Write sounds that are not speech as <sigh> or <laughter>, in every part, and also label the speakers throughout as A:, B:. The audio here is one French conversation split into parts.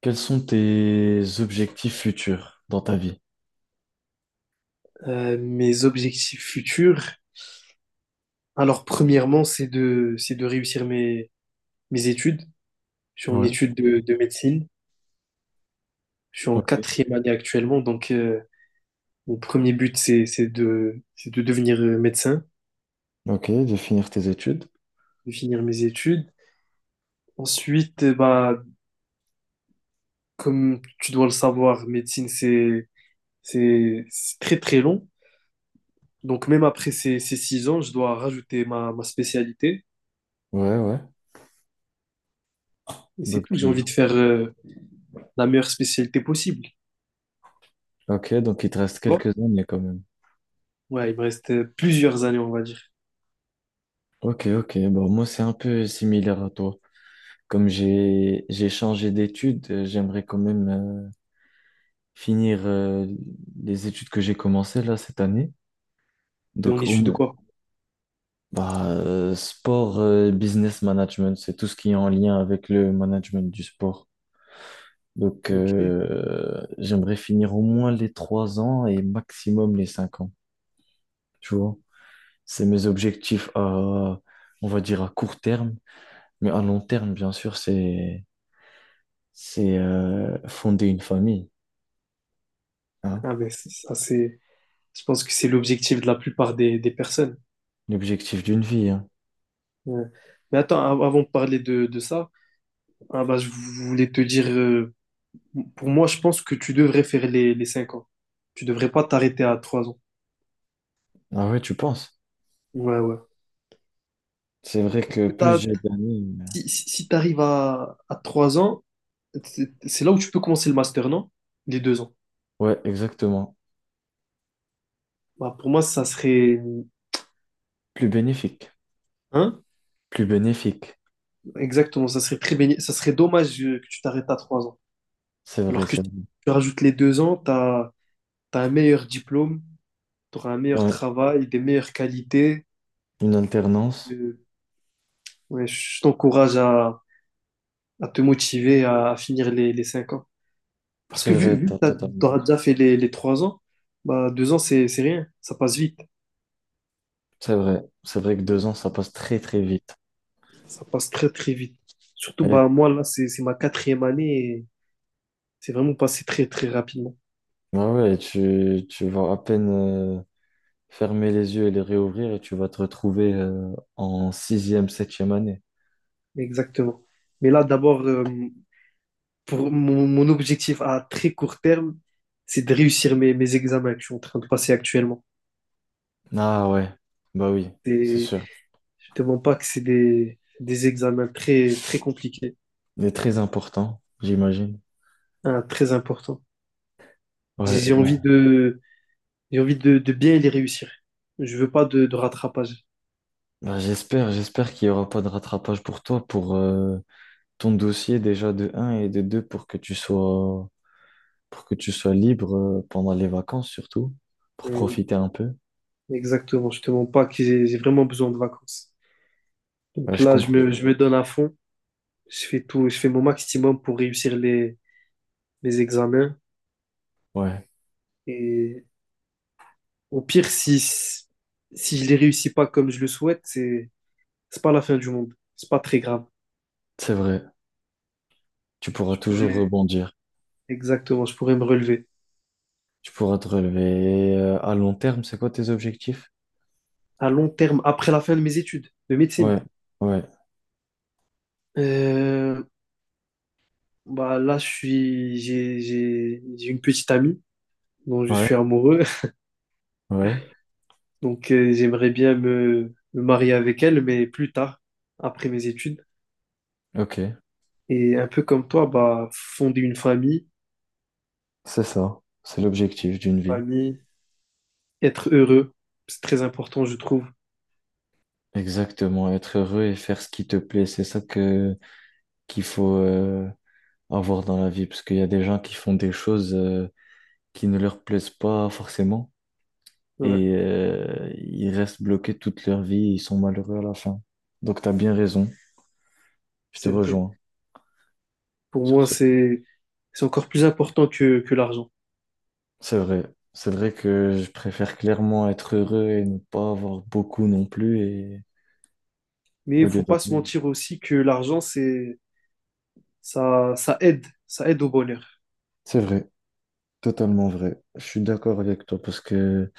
A: Quels sont tes objectifs futurs dans ta vie?
B: Mes objectifs futurs, alors premièrement, c'est de réussir mes études. Je suis en
A: Ouais.
B: études de médecine. Je suis en
A: Ok.
B: quatrième année actuellement, donc mon premier but, c'est de devenir médecin,
A: Ok, de finir tes études.
B: de finir mes études. Ensuite, bah, comme tu dois le savoir, médecine, c'est très très long. Donc même après ces 6 ans, je dois rajouter ma spécialité.
A: Ouais, ouais.
B: Et c'est tout,
A: Donc
B: j'ai envie de
A: il...
B: faire la meilleure spécialité possible.
A: Ok, donc il te reste quelques années quand même.
B: Ouais, il me reste plusieurs années, on va dire.
A: Ok, ok. Bon, moi c'est un peu similaire à toi. Comme j'ai changé d'études, j'aimerais quand même finir les études que j'ai commencées là cette année.
B: Et on
A: Donc
B: est
A: au
B: issu de
A: moins,
B: quoi?
A: sport, business management, c'est tout ce qui est en lien avec le management du sport. Donc,
B: Ok.
A: j'aimerais finir au moins les trois ans et maximum les cinq ans. Tu vois, c'est mes objectifs à, on va dire à court terme, mais à long terme, bien sûr, c'est fonder une famille, hein,
B: Ah, mais ça, c'est. Je pense que c'est l'objectif de la plupart des personnes.
A: l'objectif d'une vie, hein.
B: Ouais. Mais attends, avant de parler de ça, ah bah, je voulais te dire, pour moi, je pense que tu devrais faire les 5 ans. Tu devrais pas t'arrêter à 3 ans.
A: Ah ouais, tu penses?
B: Ouais, ouais.
A: C'est vrai que plus
B: T'as-
A: j'ai d'années,
B: si tu arrives à 3 ans, c'est là où tu peux commencer le master, non? Les 2 ans.
A: ouais, exactement,
B: Bah, pour moi, ça serait.
A: plus bénéfique,
B: Hein?
A: plus bénéfique.
B: Exactement, ça serait ça serait dommage que tu t'arrêtes à 3 ans.
A: C'est vrai,
B: Alors que si
A: c'est vrai.
B: tu rajoutes les 2 ans, tu as, un meilleur diplôme, tu auras un meilleur
A: Ouais,
B: travail, des meilleures qualités.
A: une alternance,
B: Euh, ouais, je t'encourage à te motiver à finir les 5 ans. Parce que
A: c'est
B: vu,
A: vrai,
B: vu
A: t'as
B: que
A: totalement
B: tu auras
A: raison.
B: déjà fait les 3 ans, bah, 2 ans, c'est rien. Ça passe vite.
A: C'est vrai que deux ans, ça passe très très vite.
B: Ça passe très, très vite. Surtout, bah, moi, là, c'est ma quatrième année et c'est vraiment passé très, très rapidement.
A: Ah ouais, tu vas à peine fermer les yeux et les réouvrir et tu vas te retrouver en sixième, septième année.
B: Exactement. Mais là, d'abord, pour mon objectif à très court terme, c'est de réussir mes examens que je suis en train de passer actuellement.
A: Ah ouais, bah oui, c'est
B: Et
A: sûr.
B: je te mens pas que c'est des examens très, très compliqués,
A: Mais très important, j'imagine.
B: hein, très importants. J'ai
A: Ouais,
B: j'ai envie
A: bah,
B: de, j'ai envie de bien les réussir. Je veux pas de rattrapage.
A: bah j'espère, j'espère qu'il n'y aura pas de rattrapage pour toi, pour ton dossier déjà de un et de 2 pour que tu sois, pour que tu sois libre pendant les vacances surtout, pour
B: Euh,
A: profiter un peu.
B: Exactement, je te mens pas que j'ai vraiment besoin de vacances.
A: Ouais,
B: Donc
A: je
B: là, je
A: comprends.
B: me, je me donne à fond, je fais tout, je fais mon maximum pour réussir mes examens.
A: Ouais,
B: Et au pire, si je les réussis pas comme je le souhaite, c'est pas la fin du monde. C'est pas très grave.
A: c'est vrai. Tu pourras
B: Je
A: toujours
B: pourrais,
A: rebondir.
B: exactement, je pourrais me relever.
A: Tu pourras te relever à long terme, c'est quoi tes objectifs?
B: À long terme, après la fin de mes études de médecine,
A: Ouais, ouais,
B: euh, bah là, je suis, j'ai une petite amie dont je
A: ouais,
B: suis amoureux.
A: ouais.
B: <laughs> Donc, j'aimerais bien me marier avec elle, mais plus tard, après mes études.
A: Ok,
B: Et un peu comme toi, bah, fonder une famille,
A: c'est ça. C'est l'objectif d'une vie.
B: famille, être heureux, c'est très important, je trouve.
A: Exactement, être heureux et faire ce qui te plaît, c'est ça que qu'il faut avoir dans la vie, parce qu'il y a des gens qui font des choses qui ne leur plaisent pas forcément
B: Ouais,
A: et ils restent bloqués toute leur vie, ils sont malheureux à la fin. Donc t'as bien raison, je te
B: c'est vrai.
A: rejoins
B: Pour
A: sur
B: moi,
A: ce.
B: c'est encore plus important que l'argent.
A: C'est vrai. C'est vrai que je préfère clairement être heureux et ne pas avoir beaucoup non plus et
B: Mais
A: au
B: il
A: lieu
B: faut pas
A: d'être
B: se
A: mal.
B: mentir aussi que l'argent, c'est ça, ça aide au bonheur.
A: C'est vrai, totalement vrai. Je suis d'accord avec toi parce que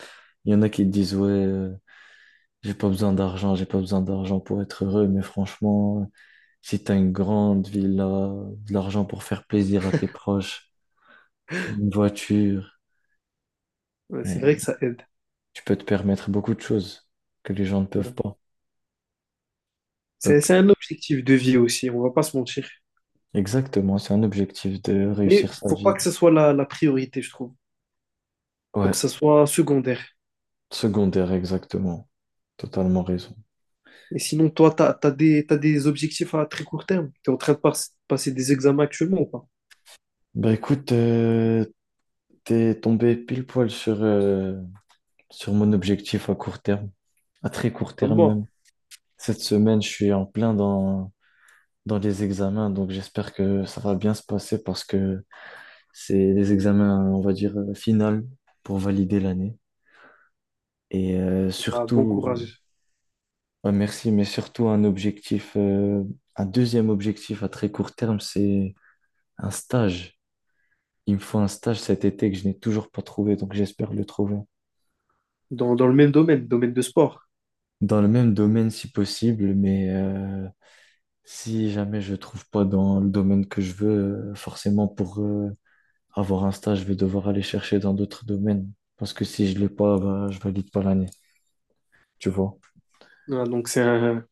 A: il y en a qui te disent ouais, j'ai pas besoin d'argent, j'ai pas besoin d'argent pour être heureux, mais franchement, si t'as une grande villa, de l'argent pour faire plaisir à tes proches, une voiture,
B: Ouais, c'est vrai
A: euh,
B: que ça aide.
A: tu peux te permettre beaucoup de choses que les gens ne peuvent
B: Ouais.
A: pas.
B: C'est
A: Donc,
B: c'est un objectif de vie aussi, on va pas se mentir.
A: exactement, c'est un objectif de réussir
B: Mais
A: sa
B: faut pas
A: vie.
B: que ce soit la priorité, je trouve. Faut
A: Ouais,
B: que ça soit secondaire.
A: secondaire, exactement. Totalement raison.
B: Et sinon, toi, t'as des objectifs à très court terme. T'es en train de passer des examens actuellement ou pas?
A: Bah écoute, t'es tombé pile poil sur, sur mon objectif à court terme, à très court
B: Comme
A: terme
B: moi.
A: même. Cette semaine, je suis en plein dans, dans les examens, donc j'espère que ça va bien se passer parce que c'est les examens, on va dire, final pour valider l'année. Et
B: Ah, bon
A: surtout,
B: courage.
A: ouais, merci, mais surtout un objectif, un deuxième objectif à très court terme, c'est un stage. Il me faut un stage cet été que je n'ai toujours pas trouvé, donc j'espère le trouver.
B: Dans le même domaine, domaine de sport.
A: Dans le même domaine si possible, mais si jamais je trouve pas dans le domaine que je veux, forcément pour avoir un stage, je vais devoir aller chercher dans d'autres domaines. Parce que si je l'ai pas, bah, je valide pas l'année, tu vois.
B: Voilà, donc c'est un,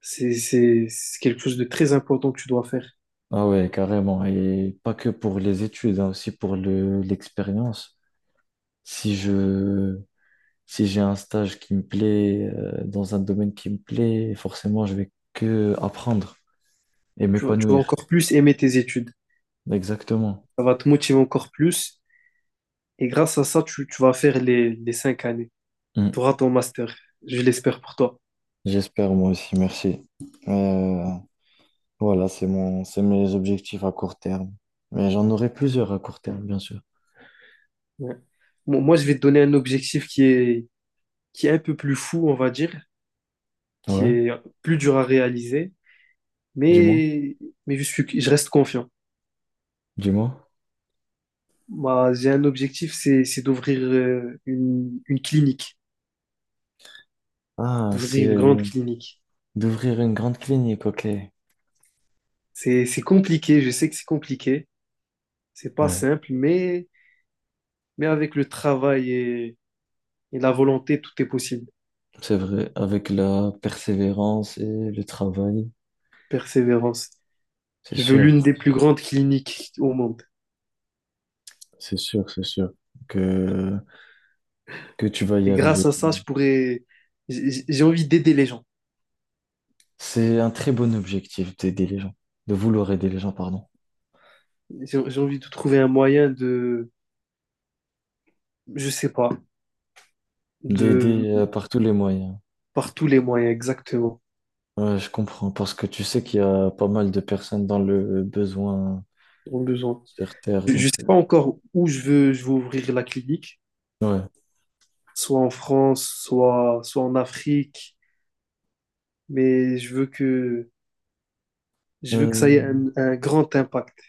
B: C'est quelque chose de très important que tu dois faire.
A: Ah ouais, carrément. Et pas que pour les études, hein, aussi pour le, l'expérience. Si je, si j'ai un stage qui me plaît, dans un domaine qui me plaît, forcément, je vais que apprendre et
B: Tu vas
A: m'épanouir.
B: encore plus aimer tes études.
A: Exactement.
B: Ça va te motiver encore plus. Et grâce à ça, tu vas faire les 5 années. Tu
A: Mm.
B: auras ton master. Je l'espère pour toi.
A: J'espère moi aussi, merci. Euh, voilà, c'est mon, c'est mes objectifs à court terme. Mais j'en aurai plusieurs à court terme, bien sûr.
B: Ouais. Bon, moi, je vais te donner un objectif qui est un peu plus fou, on va dire. qui
A: Ouais,
B: est plus dur à réaliser,
A: dis-moi,
B: mais, mais je reste confiant.
A: dis-moi.
B: Moi, j'ai un objectif, c'est d'ouvrir une clinique,
A: Ah,
B: d'ouvrir une grande
A: c'est
B: clinique.
A: d'ouvrir une grande clinique, ok.
B: C'est compliqué, je sais que c'est compliqué, c'est pas
A: Ouais,
B: simple, mais avec le travail et la volonté, tout est possible.
A: c'est vrai, avec la persévérance et le travail,
B: Persévérance.
A: c'est
B: Je veux
A: sûr,
B: l'une des plus grandes cliniques au monde.
A: c'est sûr, c'est sûr que, que tu vas y
B: Et grâce
A: arriver.
B: à ça, je pourrais, j'ai envie d'aider les gens.
A: C'est un très bon objectif d'aider les gens, de vouloir aider les gens, pardon,
B: J'ai envie de trouver un moyen de, je sais pas, de.
A: d'aider par tous les moyens.
B: Par tous les moyens, exactement,
A: Ouais, je comprends, parce que tu sais qu'il y a pas mal de personnes dans le besoin
B: ont besoin.
A: sur Terre,
B: Je ne
A: donc
B: sais pas encore où je veux ouvrir la clinique,
A: ouais.
B: soit en France, soit en Afrique, mais je veux que ça ait
A: Euh,
B: un grand impact.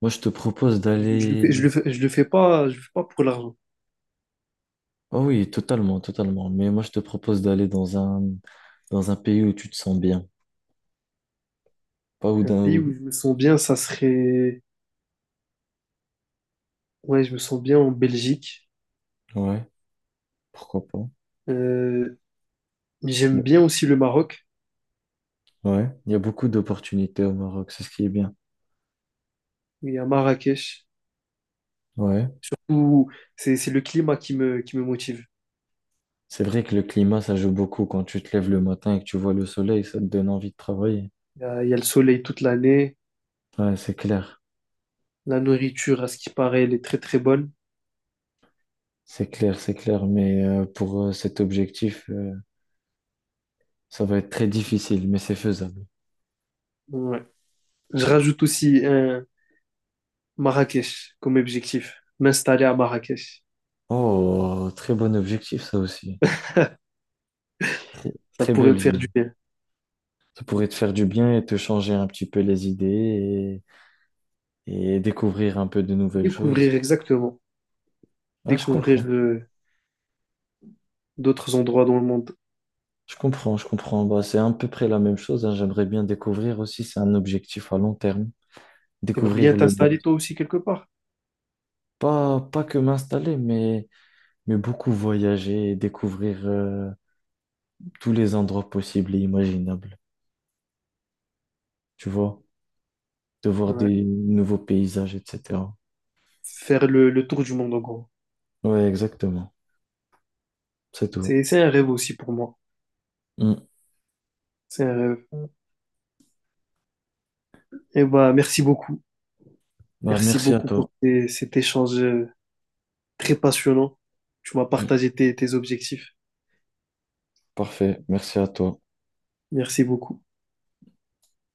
A: moi, je te propose
B: Je le fais, je
A: d'aller.
B: le fais, je le fais pas, je le fais pas pour l'argent.
A: Ah oui, totalement, totalement. Mais moi, je te propose d'aller dans un pays où tu te sens bien, pas où
B: Un
A: d'un,
B: pays où
A: où-
B: je me sens bien, ça serait, ouais, je me sens bien en Belgique.
A: ouais, pourquoi pas.
B: Euh,
A: Y-
B: J'aime
A: a-
B: bien aussi le Maroc,
A: ouais, il y a beaucoup d'opportunités au Maroc, c'est ce qui est bien.
B: et à Marrakech,
A: Ouais,
B: où c'est le climat qui me motive.
A: c'est vrai que le climat, ça joue beaucoup. Quand tu te lèves le matin et que tu vois le soleil, ça te donne envie de travailler.
B: Il y a le soleil toute l'année.
A: Ouais, c'est clair,
B: La nourriture, à ce qui paraît, elle est très très bonne.
A: c'est clair, c'est clair. Mais pour cet objectif, ça va être très difficile, mais c'est faisable.
B: Ouais. Je rajoute aussi un Marrakech comme objectif. M'installer à Marrakech.
A: Oh, très bon objectif, ça aussi. Très,
B: Ça
A: très
B: pourrait me
A: belle
B: faire
A: vie.
B: du bien.
A: Ça pourrait te faire du bien et te changer un petit peu les idées et découvrir un peu de nouvelles
B: Découvrir
A: choses.
B: exactement.
A: Ah, je
B: Découvrir
A: comprends.
B: d'autres endroits dans le monde.
A: Je comprends, je comprends. Bah, c'est à peu près la même chose, hein. J'aimerais bien découvrir aussi, c'est un objectif à long terme,
B: T'aimerais bien
A: découvrir le
B: t'installer
A: monde.
B: toi aussi quelque part.
A: Pas, pas que m'installer, mais beaucoup voyager et découvrir tous les endroits possibles et imaginables. Tu vois, de voir
B: Ouais.
A: des nouveaux paysages, etc.
B: Faire le tour du monde en gros.
A: Ouais, exactement. C'est tout.
B: C'est un rêve aussi pour moi.
A: Mm.
B: C'est un rêve. Et bah, merci beaucoup.
A: Bah,
B: Merci
A: merci à
B: beaucoup pour
A: toi.
B: cet échange très passionnant. Tu m'as
A: Mm.
B: partagé tes objectifs.
A: Parfait. Merci à toi.
B: Merci beaucoup.